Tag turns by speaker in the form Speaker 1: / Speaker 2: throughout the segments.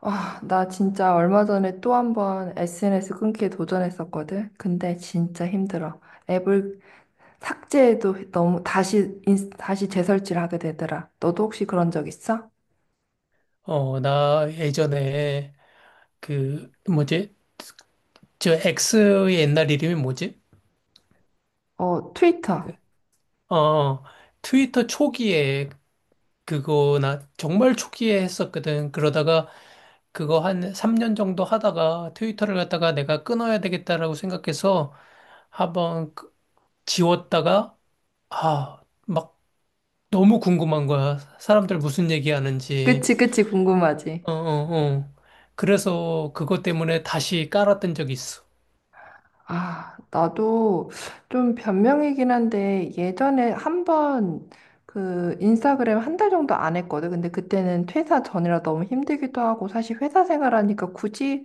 Speaker 1: 아, 나 진짜 얼마 전에 또 한 번 SNS 끊기에 도전했었거든. 근데 진짜 힘들어. 앱을 삭제해도 너무 다시 다시 재설치를 하게 되더라. 너도 혹시 그런 적 있어?
Speaker 2: 나 예전에 그 뭐지? 저 X의 옛날 이름이 뭐지?
Speaker 1: 어, 트위터.
Speaker 2: 어, 트위터 초기에 그거 나 정말 초기에 했었거든. 그러다가 그거 한 3년 정도 하다가 트위터를 갖다가 내가 끊어야 되겠다라고 생각해서 한번 지웠다가 아, 막 너무 궁금한 거야. 사람들 무슨 얘기하는지.
Speaker 1: 그치, 그치, 궁금하지.
Speaker 2: 어, 어, 어. 그래서 그것 때문에 다시 깔았던 적이 있어.
Speaker 1: 아, 나도 좀 변명이긴 한데 예전에 한번 그 인스타그램 한 달 정도 안 했거든. 근데 그때는 퇴사 전이라 너무 힘들기도 하고 사실 회사 생활하니까 굳이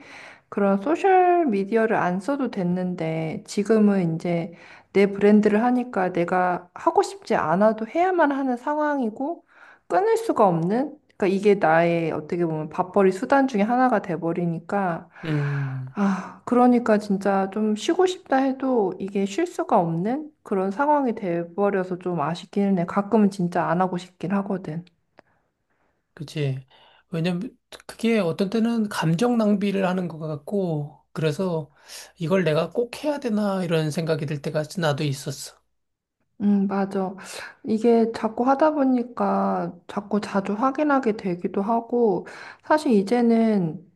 Speaker 1: 그런 소셜 미디어를 안 써도 됐는데 지금은 이제 내 브랜드를 하니까 내가 하고 싶지 않아도 해야만 하는 상황이고 끊을 수가 없는, 그러니까 이게 나의 어떻게 보면 밥벌이 수단 중에 하나가 돼버리니까.
Speaker 2: 음.
Speaker 1: 아, 그러니까 진짜 좀 쉬고 싶다 해도 이게 쉴 수가 없는 그런 상황이 돼버려서 좀 아쉽기는 해. 가끔은 진짜 안 하고 싶긴 하거든.
Speaker 2: 그치. 왜냐면 그게 어떤 때는 감정 낭비를 하는 것 같고, 그래서 이걸 내가 꼭 해야 되나 이런 생각이 들 때가 나도 있었어.
Speaker 1: 맞아. 이게 자꾸 하다 보니까 자꾸 자주 확인하게 되기도 하고, 사실 이제는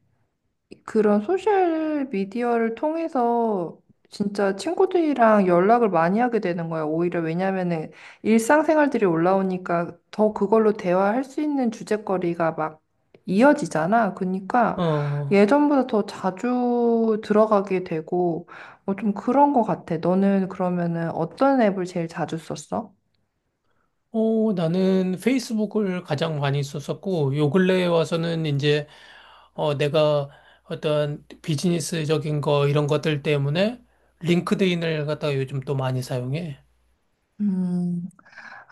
Speaker 1: 그런 소셜 미디어를 통해서 진짜 친구들이랑 연락을 많이 하게 되는 거야. 오히려 왜냐면은 일상생활들이 올라오니까 더 그걸로 대화할 수 있는 주제거리가 막 이어지잖아. 그러니까
Speaker 2: 어,
Speaker 1: 예전보다 더 자주 들어가게 되고 뭐 좀 그런 거 같아. 너는 그러면은 어떤 앱을 제일 자주 썼어?
Speaker 2: 나는 페이스북을 가장 많이 썼었고, 요 근래에 와서는 이제, 내가 어떤 비즈니스적인 거 이런 것들 때문에 링크드인을 갖다가 요즘 또 많이 사용해.
Speaker 1: 음.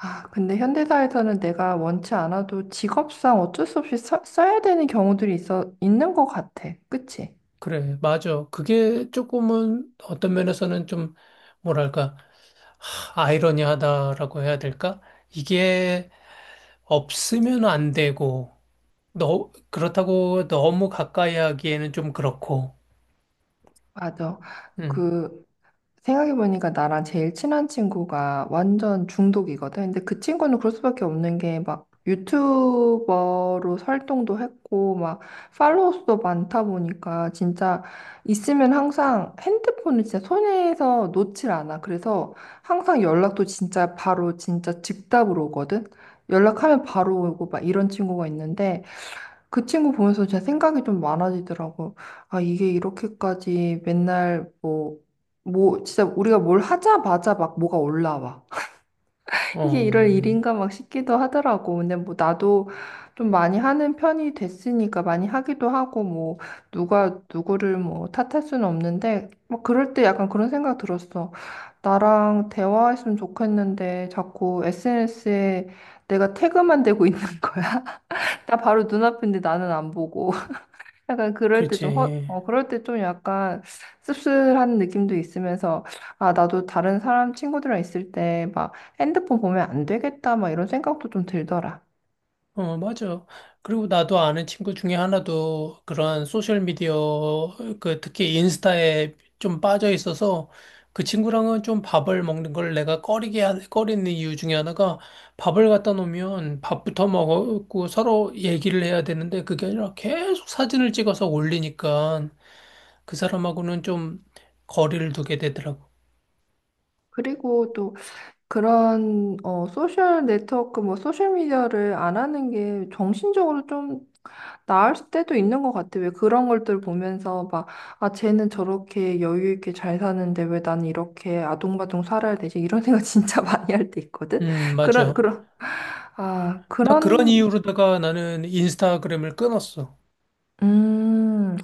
Speaker 1: 아, 근데 현대사에서는 내가 원치 않아도 직업상 어쩔 수 없이 써야 되는 경우들이 있는 것 같아. 그치?
Speaker 2: 그래, 맞아. 그게 조금은 어떤 면에서는 좀, 뭐랄까. 아이러니하다라고 해야 될까? 이게 없으면 안 되고, 너, 그렇다고 너무 가까이 하기에는 좀 그렇고,
Speaker 1: 맞아.
Speaker 2: 음,
Speaker 1: 그, 생각해보니까 나랑 제일 친한 친구가 완전 중독이거든. 근데 그 친구는 그럴 수밖에 없는 게 막 유튜버로 활동도 했고 막 팔로워 수도 많다 보니까 진짜 있으면 항상 핸드폰을 진짜 손에서 놓질 않아. 그래서 항상 연락도 진짜 바로, 진짜 즉답으로 오거든. 연락하면 바로 오고 막 이런 친구가 있는데 그 친구 보면서 진짜 생각이 좀 많아지더라고. 아, 이게 이렇게까지 맨날 뭐, 진짜 우리가 뭘 하자마자 막 뭐가 올라와.
Speaker 2: 어,
Speaker 1: 이게 이럴 일인가 막 싶기도 하더라고. 근데 뭐 나도 좀 많이 하는 편이 됐으니까 많이 하기도 하고 뭐 누가 누구를 뭐 탓할 수는 없는데 막 그럴 때 약간 그런 생각 들었어. 나랑 대화했으면 좋겠는데 자꾸 SNS에 내가 태그만 되고 있는 거야. 나 바로 눈앞인데 나는 안 보고. 약간 그럴 때 좀
Speaker 2: 그렇지.
Speaker 1: 그럴 때 좀 약간 씁쓸한 느낌도 있으면서, 아, 나도 다른 사람 친구들이랑 있을 때 막 핸드폰 보면 안 되겠다, 막 이런 생각도 좀 들더라.
Speaker 2: 어, 맞아. 그리고 나도 아는 친구 중에 하나도 그런 소셜미디어, 그, 특히 인스타에 좀 빠져 있어서 그 친구랑은 좀 밥을 먹는 걸 내가 꺼리는 이유 중에 하나가 밥을 갖다 놓으면 밥부터 먹고 서로 얘기를 해야 되는데 그게 아니라 계속 사진을 찍어서 올리니까 그 사람하고는 좀 거리를 두게 되더라고.
Speaker 1: 그리고 또 그런, 어, 소셜 네트워크, 뭐, 소셜미디어를 안 하는 게 정신적으로 좀 나을 때도 있는 것 같아. 왜 그런 것들 보면서 막, 아, 쟤는 저렇게 여유 있게 잘 사는데 왜 나는 이렇게 아동바동 살아야 되지? 이런 생각 진짜 많이 할 때 있거든? 그런,
Speaker 2: 맞아.
Speaker 1: 그런, 아,
Speaker 2: 나 그런
Speaker 1: 그런,
Speaker 2: 이유로다가 나는 인스타그램을 끊었어.
Speaker 1: 음,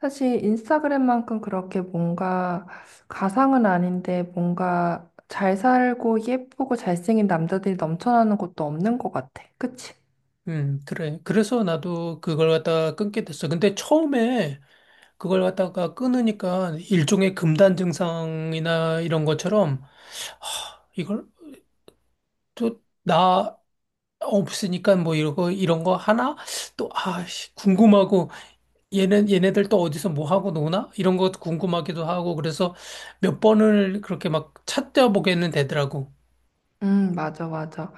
Speaker 1: 사실 인스타그램만큼 그렇게 뭔가 가상은 아닌데 뭔가 잘 살고 예쁘고 잘생긴 남자들이 넘쳐나는 것도 없는 것 같아. 그치?
Speaker 2: 그래. 그래서 나도 그걸 갖다가 끊게 됐어. 근데 처음에 그걸 갖다가 끊으니까 일종의 금단 증상이나 이런 것처럼, 하, 이걸 또 나 없으니까 뭐 이런 거 하나? 또, 궁금하고, 얘네들 또 어디서 뭐 하고 노나? 이런 것도 궁금하기도 하고, 그래서 몇 번을 그렇게 막 찾아보게는 되더라고.
Speaker 1: 맞아, 맞아.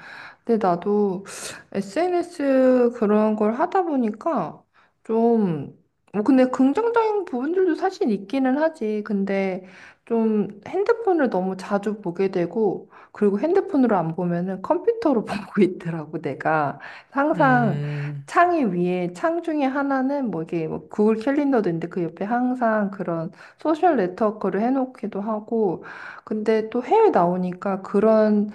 Speaker 1: 근데 나도 SNS 그런 걸 하다 보니까 좀, 뭐 근데 긍정적인 부분들도 사실 있기는 하지. 근데 좀 핸드폰을 너무 자주 보게 되고, 그리고 핸드폰으로 안 보면은 컴퓨터로 보고 있더라고, 내가. 항상
Speaker 2: 음,
Speaker 1: 창 중에 하나는 뭐 이게 뭐 구글 캘린더도 있는데 그 옆에 항상 그런 소셜 네트워크를 해놓기도 하고, 근데 또 해외 나오니까 그런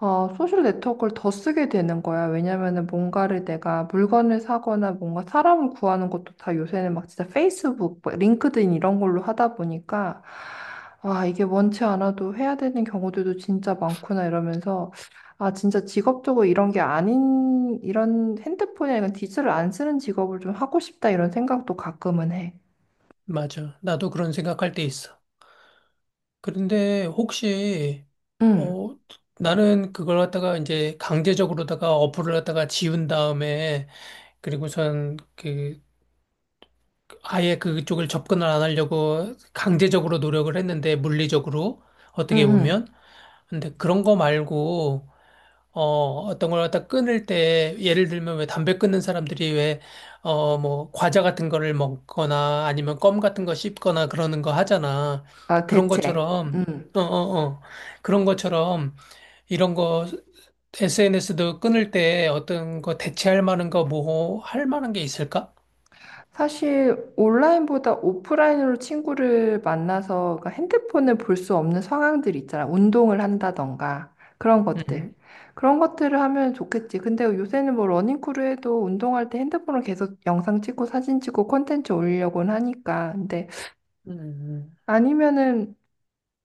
Speaker 1: 어, 소셜 네트워크를 더 쓰게 되는 거야. 왜냐면은 뭔가를 내가 물건을 사거나 뭔가 사람을 구하는 것도 다 요새는 막 진짜 페이스북, 뭐 링크드인 이런 걸로 하다 보니까 아, 이게 원치 않아도 해야 되는 경우들도 진짜 많구나 이러면서 아, 진짜 직업적으로 이런 게 아닌 이런 핸드폰이나 이런 디지털을 안 쓰는 직업을 좀 하고 싶다 이런 생각도 가끔은 해.
Speaker 2: 맞아. 나도 그런 생각할 때 있어. 그런데 혹시
Speaker 1: 응,
Speaker 2: 어 나는 그걸 갖다가 이제 강제적으로다가 어플을 갖다가 지운 다음에 그리고선 그 아예 그쪽을 접근을 안 하려고 강제적으로 노력을 했는데 물리적으로
Speaker 1: 응,
Speaker 2: 어떻게
Speaker 1: 응.
Speaker 2: 보면 근데 그런 거 말고, 어, 어떤 걸 갖다 끊을 때, 예를 들면 왜 담배 끊는 사람들이 왜, 과자 같은 거를 먹거나 아니면 껌 같은 거 씹거나 그러는 거 하잖아.
Speaker 1: 아,
Speaker 2: 그런
Speaker 1: 대체.
Speaker 2: 것처럼,
Speaker 1: 응.
Speaker 2: 어, 어, 어. 그런 것처럼 이런 거 SNS도 끊을 때 어떤 거 대체할 만한 거 뭐, 할 만한 게 있을까?
Speaker 1: 사실 온라인보다 오프라인으로 친구를 만나서, 그러니까 핸드폰을 볼 수 없는 상황들 있잖아. 운동을 한다던가 그런 것들.
Speaker 2: 음,
Speaker 1: 그런 것들을 하면 좋겠지. 근데 요새는 뭐 러닝크루 해도 운동할 때 핸드폰을 계속 영상 찍고 사진 찍고 콘텐츠 올리려고는 하니까. 근데
Speaker 2: 음,
Speaker 1: 아니면은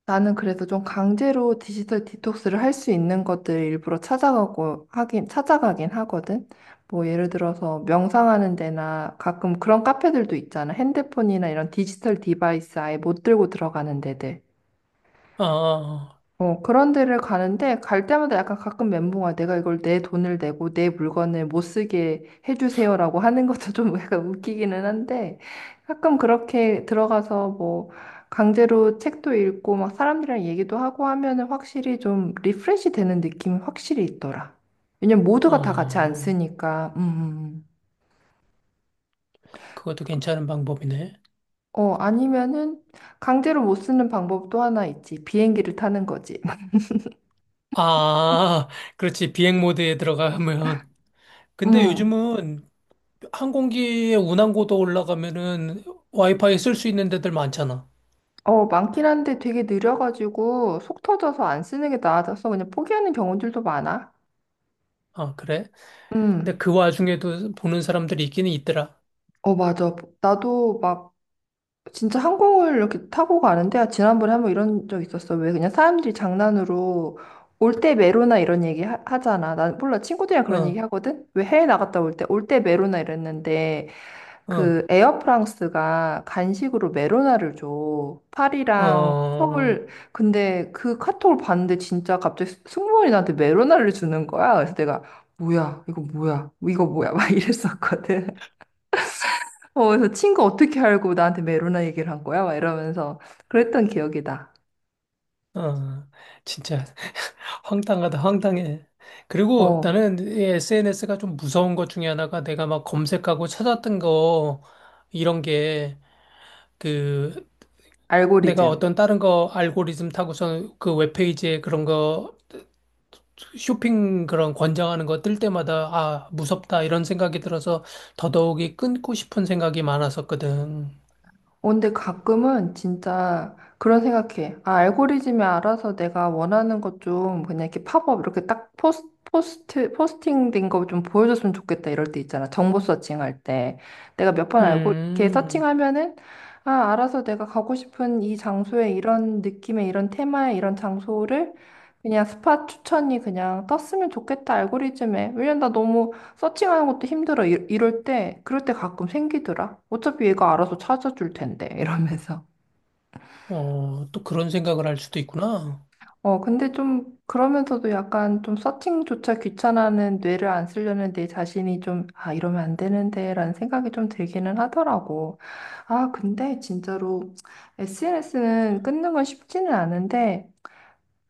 Speaker 1: 나는 그래서 좀 강제로 디지털 디톡스를 할 수 있는 것들 일부러 찾아가고 하긴 찾아가긴 하거든. 뭐 예를 들어서 명상하는 데나 가끔 그런 카페들도 있잖아. 핸드폰이나 이런 디지털 디바이스 아예 못 들고 들어가는 데들.
Speaker 2: 어, 어,
Speaker 1: 어, 그런 데를 가는데 갈 때마다 약간 가끔 멘붕아, 내가 이걸 내 돈을 내고 내 물건을 못 쓰게 해주세요라고 하는 것도 좀 약간 웃기기는 한데 가끔 그렇게 들어가서 뭐 강제로 책도 읽고 막 사람들이랑 얘기도 하고 하면은 확실히 좀 리프레시 되는 느낌이 확실히 있더라. 왜냐면 모두가 다 같이 안
Speaker 2: 어.
Speaker 1: 쓰니까. 음.
Speaker 2: 그것도 괜찮은 방법이네.
Speaker 1: 어, 아니면은 강제로 못 쓰는 방법도 하나 있지. 비행기를 타는 거지.
Speaker 2: 아, 그렇지. 비행 모드에 들어가면. 근데
Speaker 1: 음.
Speaker 2: 요즘은 항공기에 운항고도 올라가면은 와이파이 쓸 수 있는 데들 많잖아.
Speaker 1: 어, 많긴 한데 되게 느려가지고 속 터져서 안 쓰는 게 나아져서 그냥 포기하는 경우들도 많아.
Speaker 2: 아, 그래? 근데
Speaker 1: 음,
Speaker 2: 그 와중에도 보는 사람들이 있기는 있더라.
Speaker 1: 어, 맞아. 나도 막 진짜 항공을 이렇게 타고 가는데, 아, 지난번에 한번 이런 적 있었어. 왜 그냥 사람들이 장난으로 올 때 메로나 이런 얘기 잖아난 몰라. 친구들이랑 그런 얘기
Speaker 2: 어,
Speaker 1: 하거든? 왜 해외 나갔다 올 때 메로나 이랬는데
Speaker 2: 어,
Speaker 1: 그 에어프랑스가 간식으로 메로나를 줘. 파리랑
Speaker 2: 어,
Speaker 1: 서울. 근데 그 카톡을 봤는데 진짜 갑자기 승무원이 나한테 메로나를 주는 거야. 그래서 내가 뭐야? 이거 뭐야? 막 이랬었거든. 어, 그래서 친구 어떻게 알고 나한테 메로나 얘기를 한 거야? 막 이러면서 그랬던 기억이다.
Speaker 2: 어. 진짜 황당하다, 황당해. 그리고
Speaker 1: 어,
Speaker 2: 나는 SNS가 좀 무서운 것 중에 하나가 내가 막 검색하고 찾았던 거, 이런 게, 그, 내가
Speaker 1: 알고리즘.
Speaker 2: 어떤 다른 거 알고리즘 타고서 그 웹페이지에 그런 거 쇼핑 그런 권장하는 거 뜰 때마다 아, 무섭다 이런 생각이 들어서 더더욱이 끊고 싶은 생각이 많았었거든.
Speaker 1: 어, 근데 가끔은 진짜 그런 생각해. 아, 알고리즘이 알아서 내가 원하는 것 좀 그냥 이렇게 팝업 이렇게 딱 포스팅 된 거 좀 보여줬으면 좋겠다 이럴 때 있잖아. 정보 서칭할 때. 내가 몇 번 알고 이렇게
Speaker 2: 음,
Speaker 1: 서칭하면은 아, 알아서 내가 가고 싶은 이 장소에 이런 느낌의 이런 테마의 이런 장소를 그냥 스팟 추천이 그냥 떴으면 좋겠다 알고리즘에. 왜냐면 나 너무 서칭하는 것도 힘들어. 이럴 때, 그럴 때 가끔 생기더라. 어차피 얘가 알아서 찾아줄 텐데, 이러면서.
Speaker 2: 어, 또 그런 생각을 할 수도 있구나.
Speaker 1: 어, 근데 좀, 그러면서도 약간 좀 서칭조차 귀찮아하는 뇌를 안 쓰려는 내 자신이 좀, 아, 이러면 안 되는데, 라는 생각이 좀 들기는 하더라고. 아, 근데 진짜로 SNS는 끊는 건 쉽지는 않은데,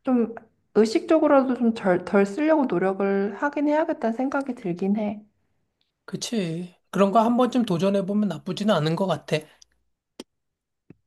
Speaker 1: 좀 의식적으로라도 좀 덜 쓰려고 노력을 하긴 해야겠다는 생각이 들긴 해.
Speaker 2: 그치. 그런 거 한 번쯤 도전해보면 나쁘지는 않은 것 같아.